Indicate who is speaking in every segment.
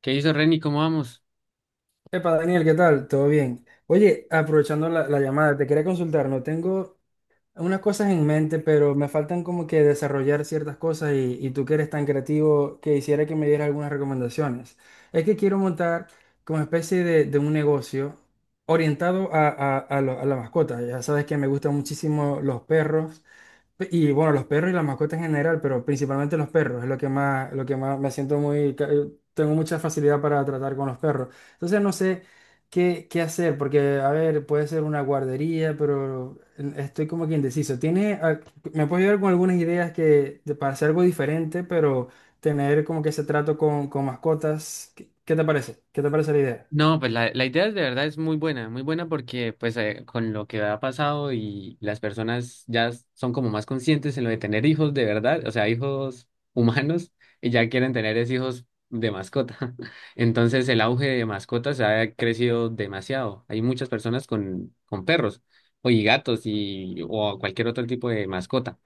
Speaker 1: ¿Qué hizo Reni? ¿Cómo vamos?
Speaker 2: Epa, Daniel, ¿qué tal? ¿Todo bien? Oye, aprovechando la llamada, te quería consultar, no tengo unas cosas en mente, pero me faltan como que desarrollar ciertas cosas y tú que eres tan creativo, que hiciera que me dieras algunas recomendaciones. Es que quiero montar como especie de un negocio orientado a la mascota. Ya sabes que me gustan muchísimo los perros y bueno, los perros y las mascotas en general, pero principalmente los perros, es lo que más me siento muy, tengo mucha facilidad para tratar con los perros. Entonces, no sé. ¿Qué hacer? Porque, a ver, puede ser una guardería, pero estoy como que indeciso. Me puedes ayudar con algunas ideas para hacer algo diferente, pero tener como que ese trato con mascotas? ¿Qué te parece? ¿Qué te parece la idea?
Speaker 1: No, pues la idea de verdad es muy buena, muy buena, porque pues con lo que ha pasado y las personas ya son como más conscientes en lo de tener hijos de verdad, o sea, hijos humanos, y ya quieren tener es hijos de mascota. Entonces el auge de mascotas ha crecido demasiado. Hay muchas personas con, perros o y gatos y, o cualquier otro tipo de mascota.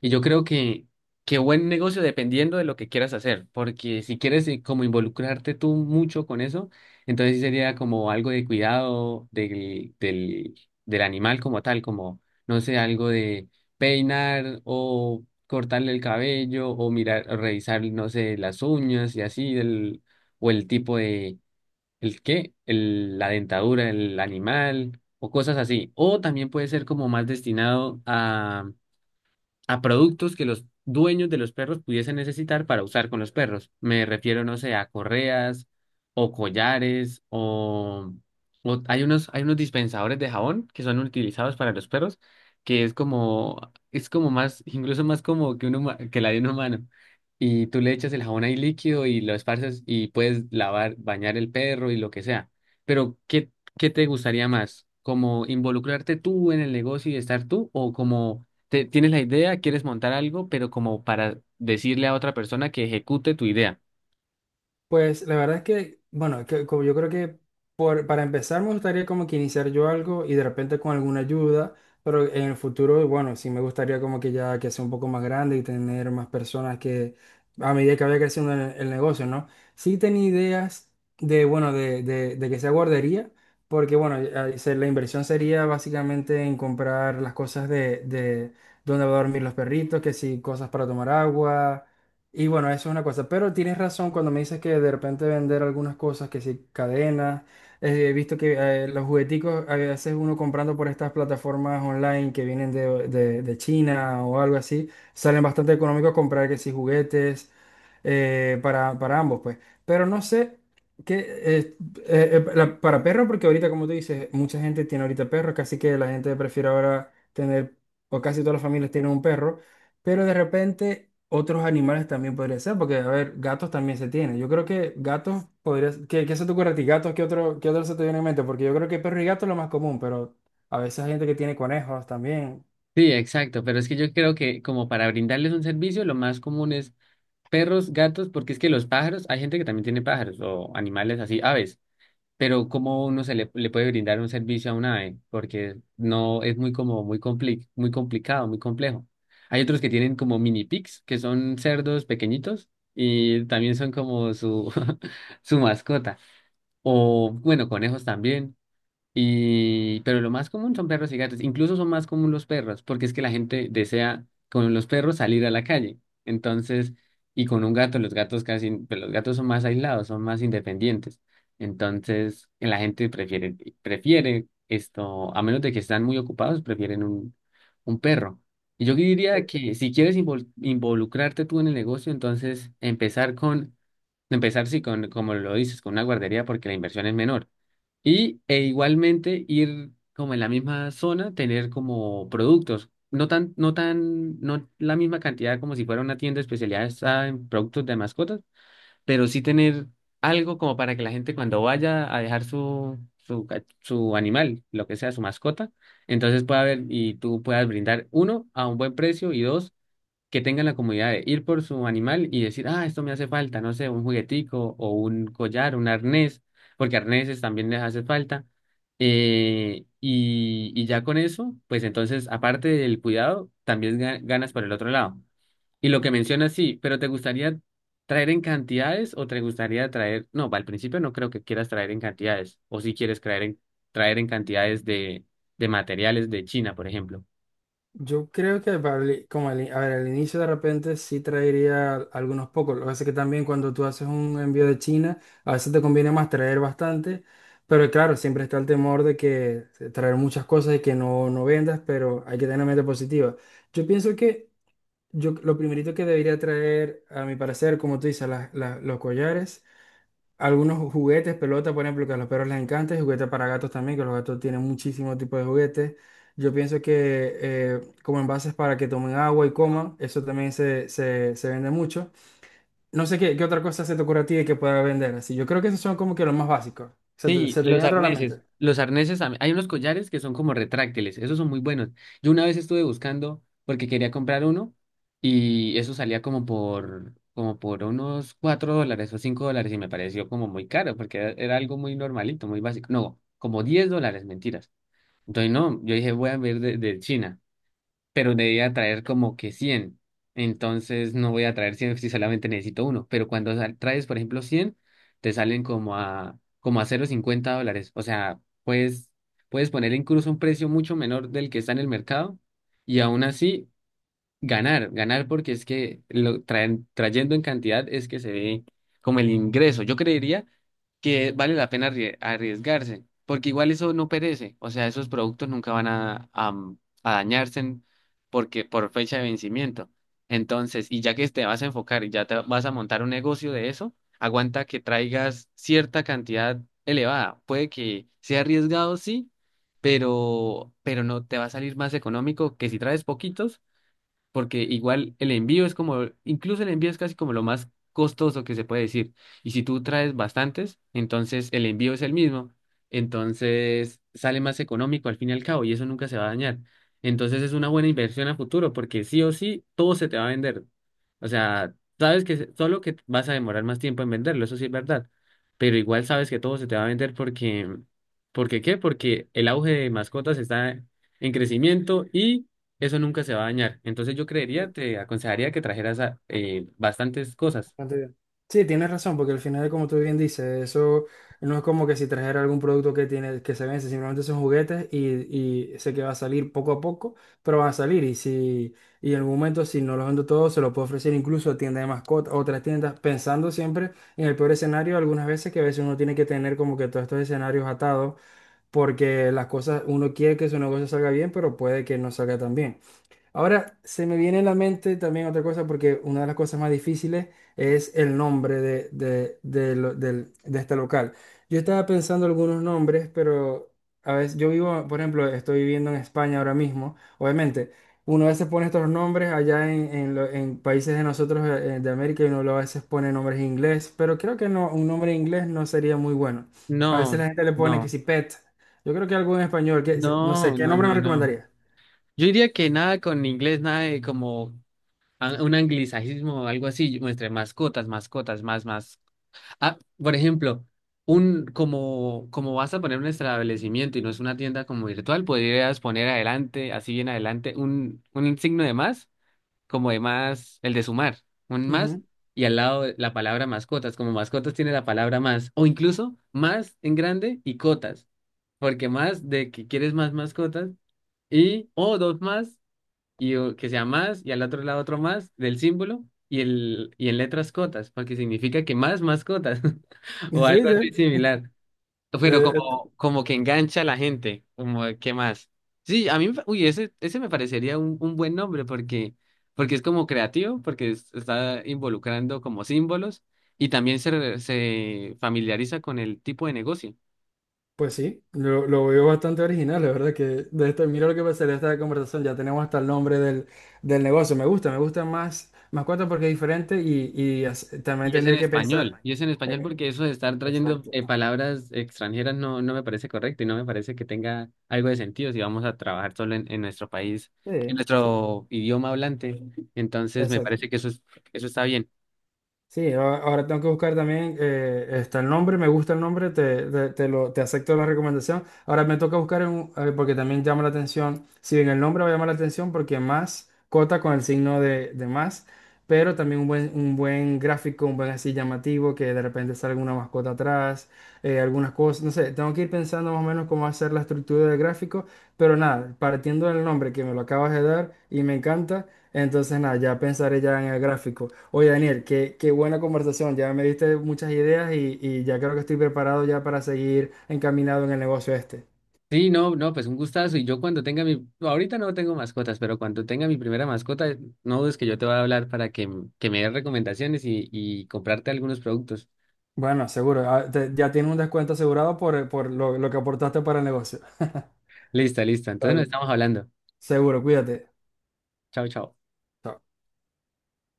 Speaker 1: Y yo creo que, buen negocio, dependiendo de lo que quieras hacer, porque si quieres como involucrarte tú mucho con eso, entonces sí sería como algo de cuidado del animal como tal, como, no sé, algo de peinar o cortarle el cabello o mirar, o revisar, no sé, las uñas y así, el, o el tipo de, ¿el qué? El, la dentadura del animal o cosas así. O también puede ser como más destinado a productos que los dueños de los perros pudiesen necesitar para usar con los perros. Me refiero, no sé, a correas o collares o, hay unos, dispensadores de jabón que son utilizados para los perros, que es como más, incluso más como que, que la de un humano. Y tú le echas el jabón ahí líquido y lo esparces y puedes lavar, bañar el perro y lo que sea. Pero ¿qué, te gustaría más? ¿Como involucrarte tú en el negocio y estar tú, o como tienes la idea, quieres montar algo, pero como para decirle a otra persona que ejecute tu idea?
Speaker 2: Pues la verdad es que, bueno, como yo creo que para empezar me gustaría como que iniciar yo algo y de repente con alguna ayuda, pero en el futuro, bueno, sí me gustaría como que ya que sea un poco más grande y tener más personas que a medida que vaya creciendo el negocio, ¿no? Sí tenía ideas de, bueno, de que sea guardería, porque bueno, la inversión sería básicamente en comprar las cosas de dónde va a dormir los perritos, que sí, cosas para tomar agua y bueno, eso es una cosa, pero tienes razón cuando me dices que de repente vender algunas cosas, que si cadenas, he visto que los jugueticos a veces uno comprando por estas plataformas online que vienen de China o algo así, salen bastante económicos comprar que si juguetes para ambos, pues. Pero no sé qué, para perros, porque ahorita como tú dices, mucha gente tiene ahorita perros, casi que la gente prefiere ahora tener, o casi todas las familias tienen un perro. Pero de repente otros animales también podría ser, porque a ver, gatos también se tienen. Yo creo que gatos podrías. ¿Qué se te ocurre a ti? ¿Gatos? ¿Qué otro se te viene en mente? Porque yo creo que perro y gato es lo más común, pero a veces hay gente que tiene conejos también.
Speaker 1: Sí, exacto, pero es que yo creo que, como para brindarles un servicio, lo más común es perros, gatos, porque es que los pájaros, hay gente que también tiene pájaros o animales así, aves, pero ¿cómo uno se le, le puede brindar un servicio a una ave? Porque no es muy como muy muy complicado, muy complejo. Hay otros que tienen como mini pigs, que son cerdos pequeñitos, y también son como su su mascota. O, bueno, conejos también. Y pero lo más común son perros y gatos. Incluso son más común los perros, porque es que la gente desea con los perros salir a la calle. Entonces, y con un gato, los gatos casi, pero los gatos son más aislados, son más independientes. Entonces la gente prefiere, prefiere esto, a menos de que están muy ocupados, prefieren un, perro. Y yo diría que, si quieres involucrarte tú en el negocio, entonces empezar, sí, con, como lo dices, con una guardería, porque la inversión es menor. Y e igualmente ir como en la misma zona, tener como productos, no la misma cantidad como si fuera una tienda especializada en productos de mascotas, pero sí tener algo como para que la gente, cuando vaya a dejar su, su animal, lo que sea, su mascota, entonces pueda ver y tú puedas brindar, uno, a un buen precio, y dos, que tengan la comodidad de ir por su animal y decir, ah, esto me hace falta, no sé, un juguetico o un collar, un arnés, porque arneses también les hace falta. Y, y ya con eso, pues entonces, aparte del cuidado, también ganas por el otro lado. Y lo que mencionas, sí, pero ¿te gustaría traer en cantidades o te gustaría traer? No, al principio no creo que quieras traer en cantidades, o si quieres traer en, cantidades de, materiales de China, por ejemplo.
Speaker 2: Yo creo que para a ver, al inicio de repente sí traería algunos pocos. Lo que pasa es que también cuando tú haces un envío de China, a veces te conviene más traer bastante. Pero claro, siempre está el temor de que traer muchas cosas y que no, no vendas, pero hay que tener una mente positiva. Yo pienso que yo lo primerito que debería traer, a mi parecer, como tú dices, los collares, algunos juguetes, pelotas, por ejemplo, que a los perros les encanta, y juguetes para gatos también, que los gatos tienen muchísimos tipos de juguetes. Yo pienso que como envases para que tomen agua y coman, eso también se vende mucho. No sé qué, qué otra cosa se te ocurre a ti de que pueda vender así. Yo creo que esos son como que los más básicos. ¿Se te,
Speaker 1: Sí,
Speaker 2: se te
Speaker 1: los
Speaker 2: viene otro a la
Speaker 1: arneses.
Speaker 2: mente?
Speaker 1: Los arneses, hay unos collares que son como retráctiles, esos son muy buenos. Yo una vez estuve buscando porque quería comprar uno, y eso salía como por, como por unos $4 o $5, y me pareció como muy caro porque era, era algo muy normalito, muy básico. No, como $10, mentiras. Entonces no, yo dije, voy a ver de, China, pero debía traer como que 100. Entonces no voy a traer 100 si solamente necesito uno. Pero cuando traes, por ejemplo, 100, te salen como a, como a $0,50. O sea, puedes, poner incluso un precio mucho menor del que está en el mercado, y aún así ganar, ganar, porque es que lo traen, trayendo en cantidad es que se ve como el ingreso. Yo creería que vale la pena arriesgarse, porque igual eso no perece, o sea, esos productos nunca van a dañarse porque por fecha de vencimiento. Entonces, y ya que te vas a enfocar y ya te vas a montar un negocio de eso, aguanta que traigas cierta cantidad elevada. Puede que sea arriesgado, sí, pero no te va a salir más económico que si traes poquitos, porque igual el envío es como, incluso el envío es casi como lo más costoso que se puede decir. Y si tú traes bastantes, entonces el envío es el mismo, entonces sale más económico al fin y al cabo, y eso nunca se va a dañar. Entonces es una buena inversión a futuro, porque sí o sí todo se te va a vender. O sea, sabes que solo que vas a demorar más tiempo en venderlo, eso sí es verdad, pero igual sabes que todo se te va a vender, porque ¿porque qué? Porque el auge de mascotas está en crecimiento, eso nunca se va a dañar. Entonces yo creería, te aconsejaría que trajeras bastantes cosas.
Speaker 2: Bastante bien. Sí, tienes razón, porque al final, como tú bien dices, eso no es como que si trajera algún producto que tiene, que se vence, simplemente son juguetes y sé que va a salir poco a poco, pero van a salir. Y en algún momento, si no los vendo todos, se los puedo ofrecer incluso a tiendas de mascotas, a otras tiendas, pensando siempre en el peor escenario, algunas veces que a veces uno tiene que tener como que todos estos escenarios atados, porque las cosas, uno quiere que su negocio salga bien, pero puede que no salga tan bien. Ahora se me viene a la mente también otra cosa, porque una de las cosas más difíciles es el nombre de este local. Yo estaba pensando algunos nombres, pero a veces yo vivo, por ejemplo, estoy viviendo en España ahora mismo. Obviamente, uno a veces pone estos nombres allá en, en países de nosotros de América y uno lo a veces pone nombres en inglés, pero creo que no, un nombre en inglés no sería muy bueno. A veces
Speaker 1: No,
Speaker 2: la gente le pone que
Speaker 1: no,
Speaker 2: si pet. Yo creo que algo en español, que, no sé,
Speaker 1: no,
Speaker 2: ¿qué
Speaker 1: no,
Speaker 2: nombre me
Speaker 1: no, no.
Speaker 2: recomendaría?
Speaker 1: Yo diría que nada con inglés, nada de como un anglicismo o algo así, entre mascotas, mascotas, más, más. Ah, por ejemplo, un como, como vas a poner un establecimiento y no es una tienda como virtual, podrías poner adelante, así bien adelante, un, signo de más, como de más, el de sumar, un más,
Speaker 2: Ujú.
Speaker 1: y al lado la palabra mascotas, como mascotas tiene la palabra más, o incluso más en grande y cotas, porque más de que quieres más mascotas, y o dos más, y o que sea más, y al otro lado otro más del símbolo, y, el, y en letras cotas, porque significa que más mascotas, o
Speaker 2: Sí,
Speaker 1: algo
Speaker 2: sí.
Speaker 1: así similar. Pero
Speaker 2: Eh, et-
Speaker 1: como, como que engancha a la gente, como de, qué más. Sí, a mí, me uy, ese me parecería un, buen nombre, porque, porque es como creativo, porque está involucrando como símbolos, y también se, se familiariza con el tipo de negocio.
Speaker 2: pues sí, lo veo bastante original, la verdad que de esto, mira lo que pasaría esta conversación, ya tenemos hasta el nombre del negocio, me gusta más, más cuenta porque es diferente y también
Speaker 1: Y es en
Speaker 2: tendría que pensar
Speaker 1: español, y es en español,
Speaker 2: en...
Speaker 1: porque eso de estar trayendo
Speaker 2: Exacto,
Speaker 1: palabras extranjeras no, no me parece correcto y no me parece que tenga algo de sentido si vamos a trabajar solo en, nuestro país, en
Speaker 2: sí, sí,
Speaker 1: nuestro idioma hablante. Entonces me
Speaker 2: exacto.
Speaker 1: parece que eso es, eso está bien.
Speaker 2: Sí, ahora tengo que buscar también, está el nombre, me gusta el nombre, te acepto la recomendación. Ahora me toca buscar, en a ver, porque también llama la atención, si bien el nombre va a llamar la atención, porque más cota con el signo de más, pero también un buen gráfico, un buen así llamativo, que de repente salga alguna mascota atrás, algunas cosas, no sé, tengo que ir pensando más o menos cómo hacer la estructura del gráfico, pero nada, partiendo del nombre que me lo acabas de dar y me encanta, entonces nada, ya pensaré ya en el gráfico. Oye, Daniel, qué, qué buena conversación. Ya me diste muchas ideas y ya creo que estoy preparado ya para seguir encaminado en el negocio este.
Speaker 1: Sí, no, no, pues un gustazo. Y yo cuando tenga mi, ahorita no tengo mascotas, pero cuando tenga mi primera mascota, no dudes que yo te voy a hablar para que, que me des recomendaciones y comprarte algunos productos.
Speaker 2: Bueno, seguro. Ah, ya tienes un descuento asegurado por, lo que aportaste para el negocio.
Speaker 1: Listo, listo. Entonces nos
Speaker 2: Vale.
Speaker 1: estamos hablando.
Speaker 2: Seguro, cuídate.
Speaker 1: Chao, chao.
Speaker 2: Chao.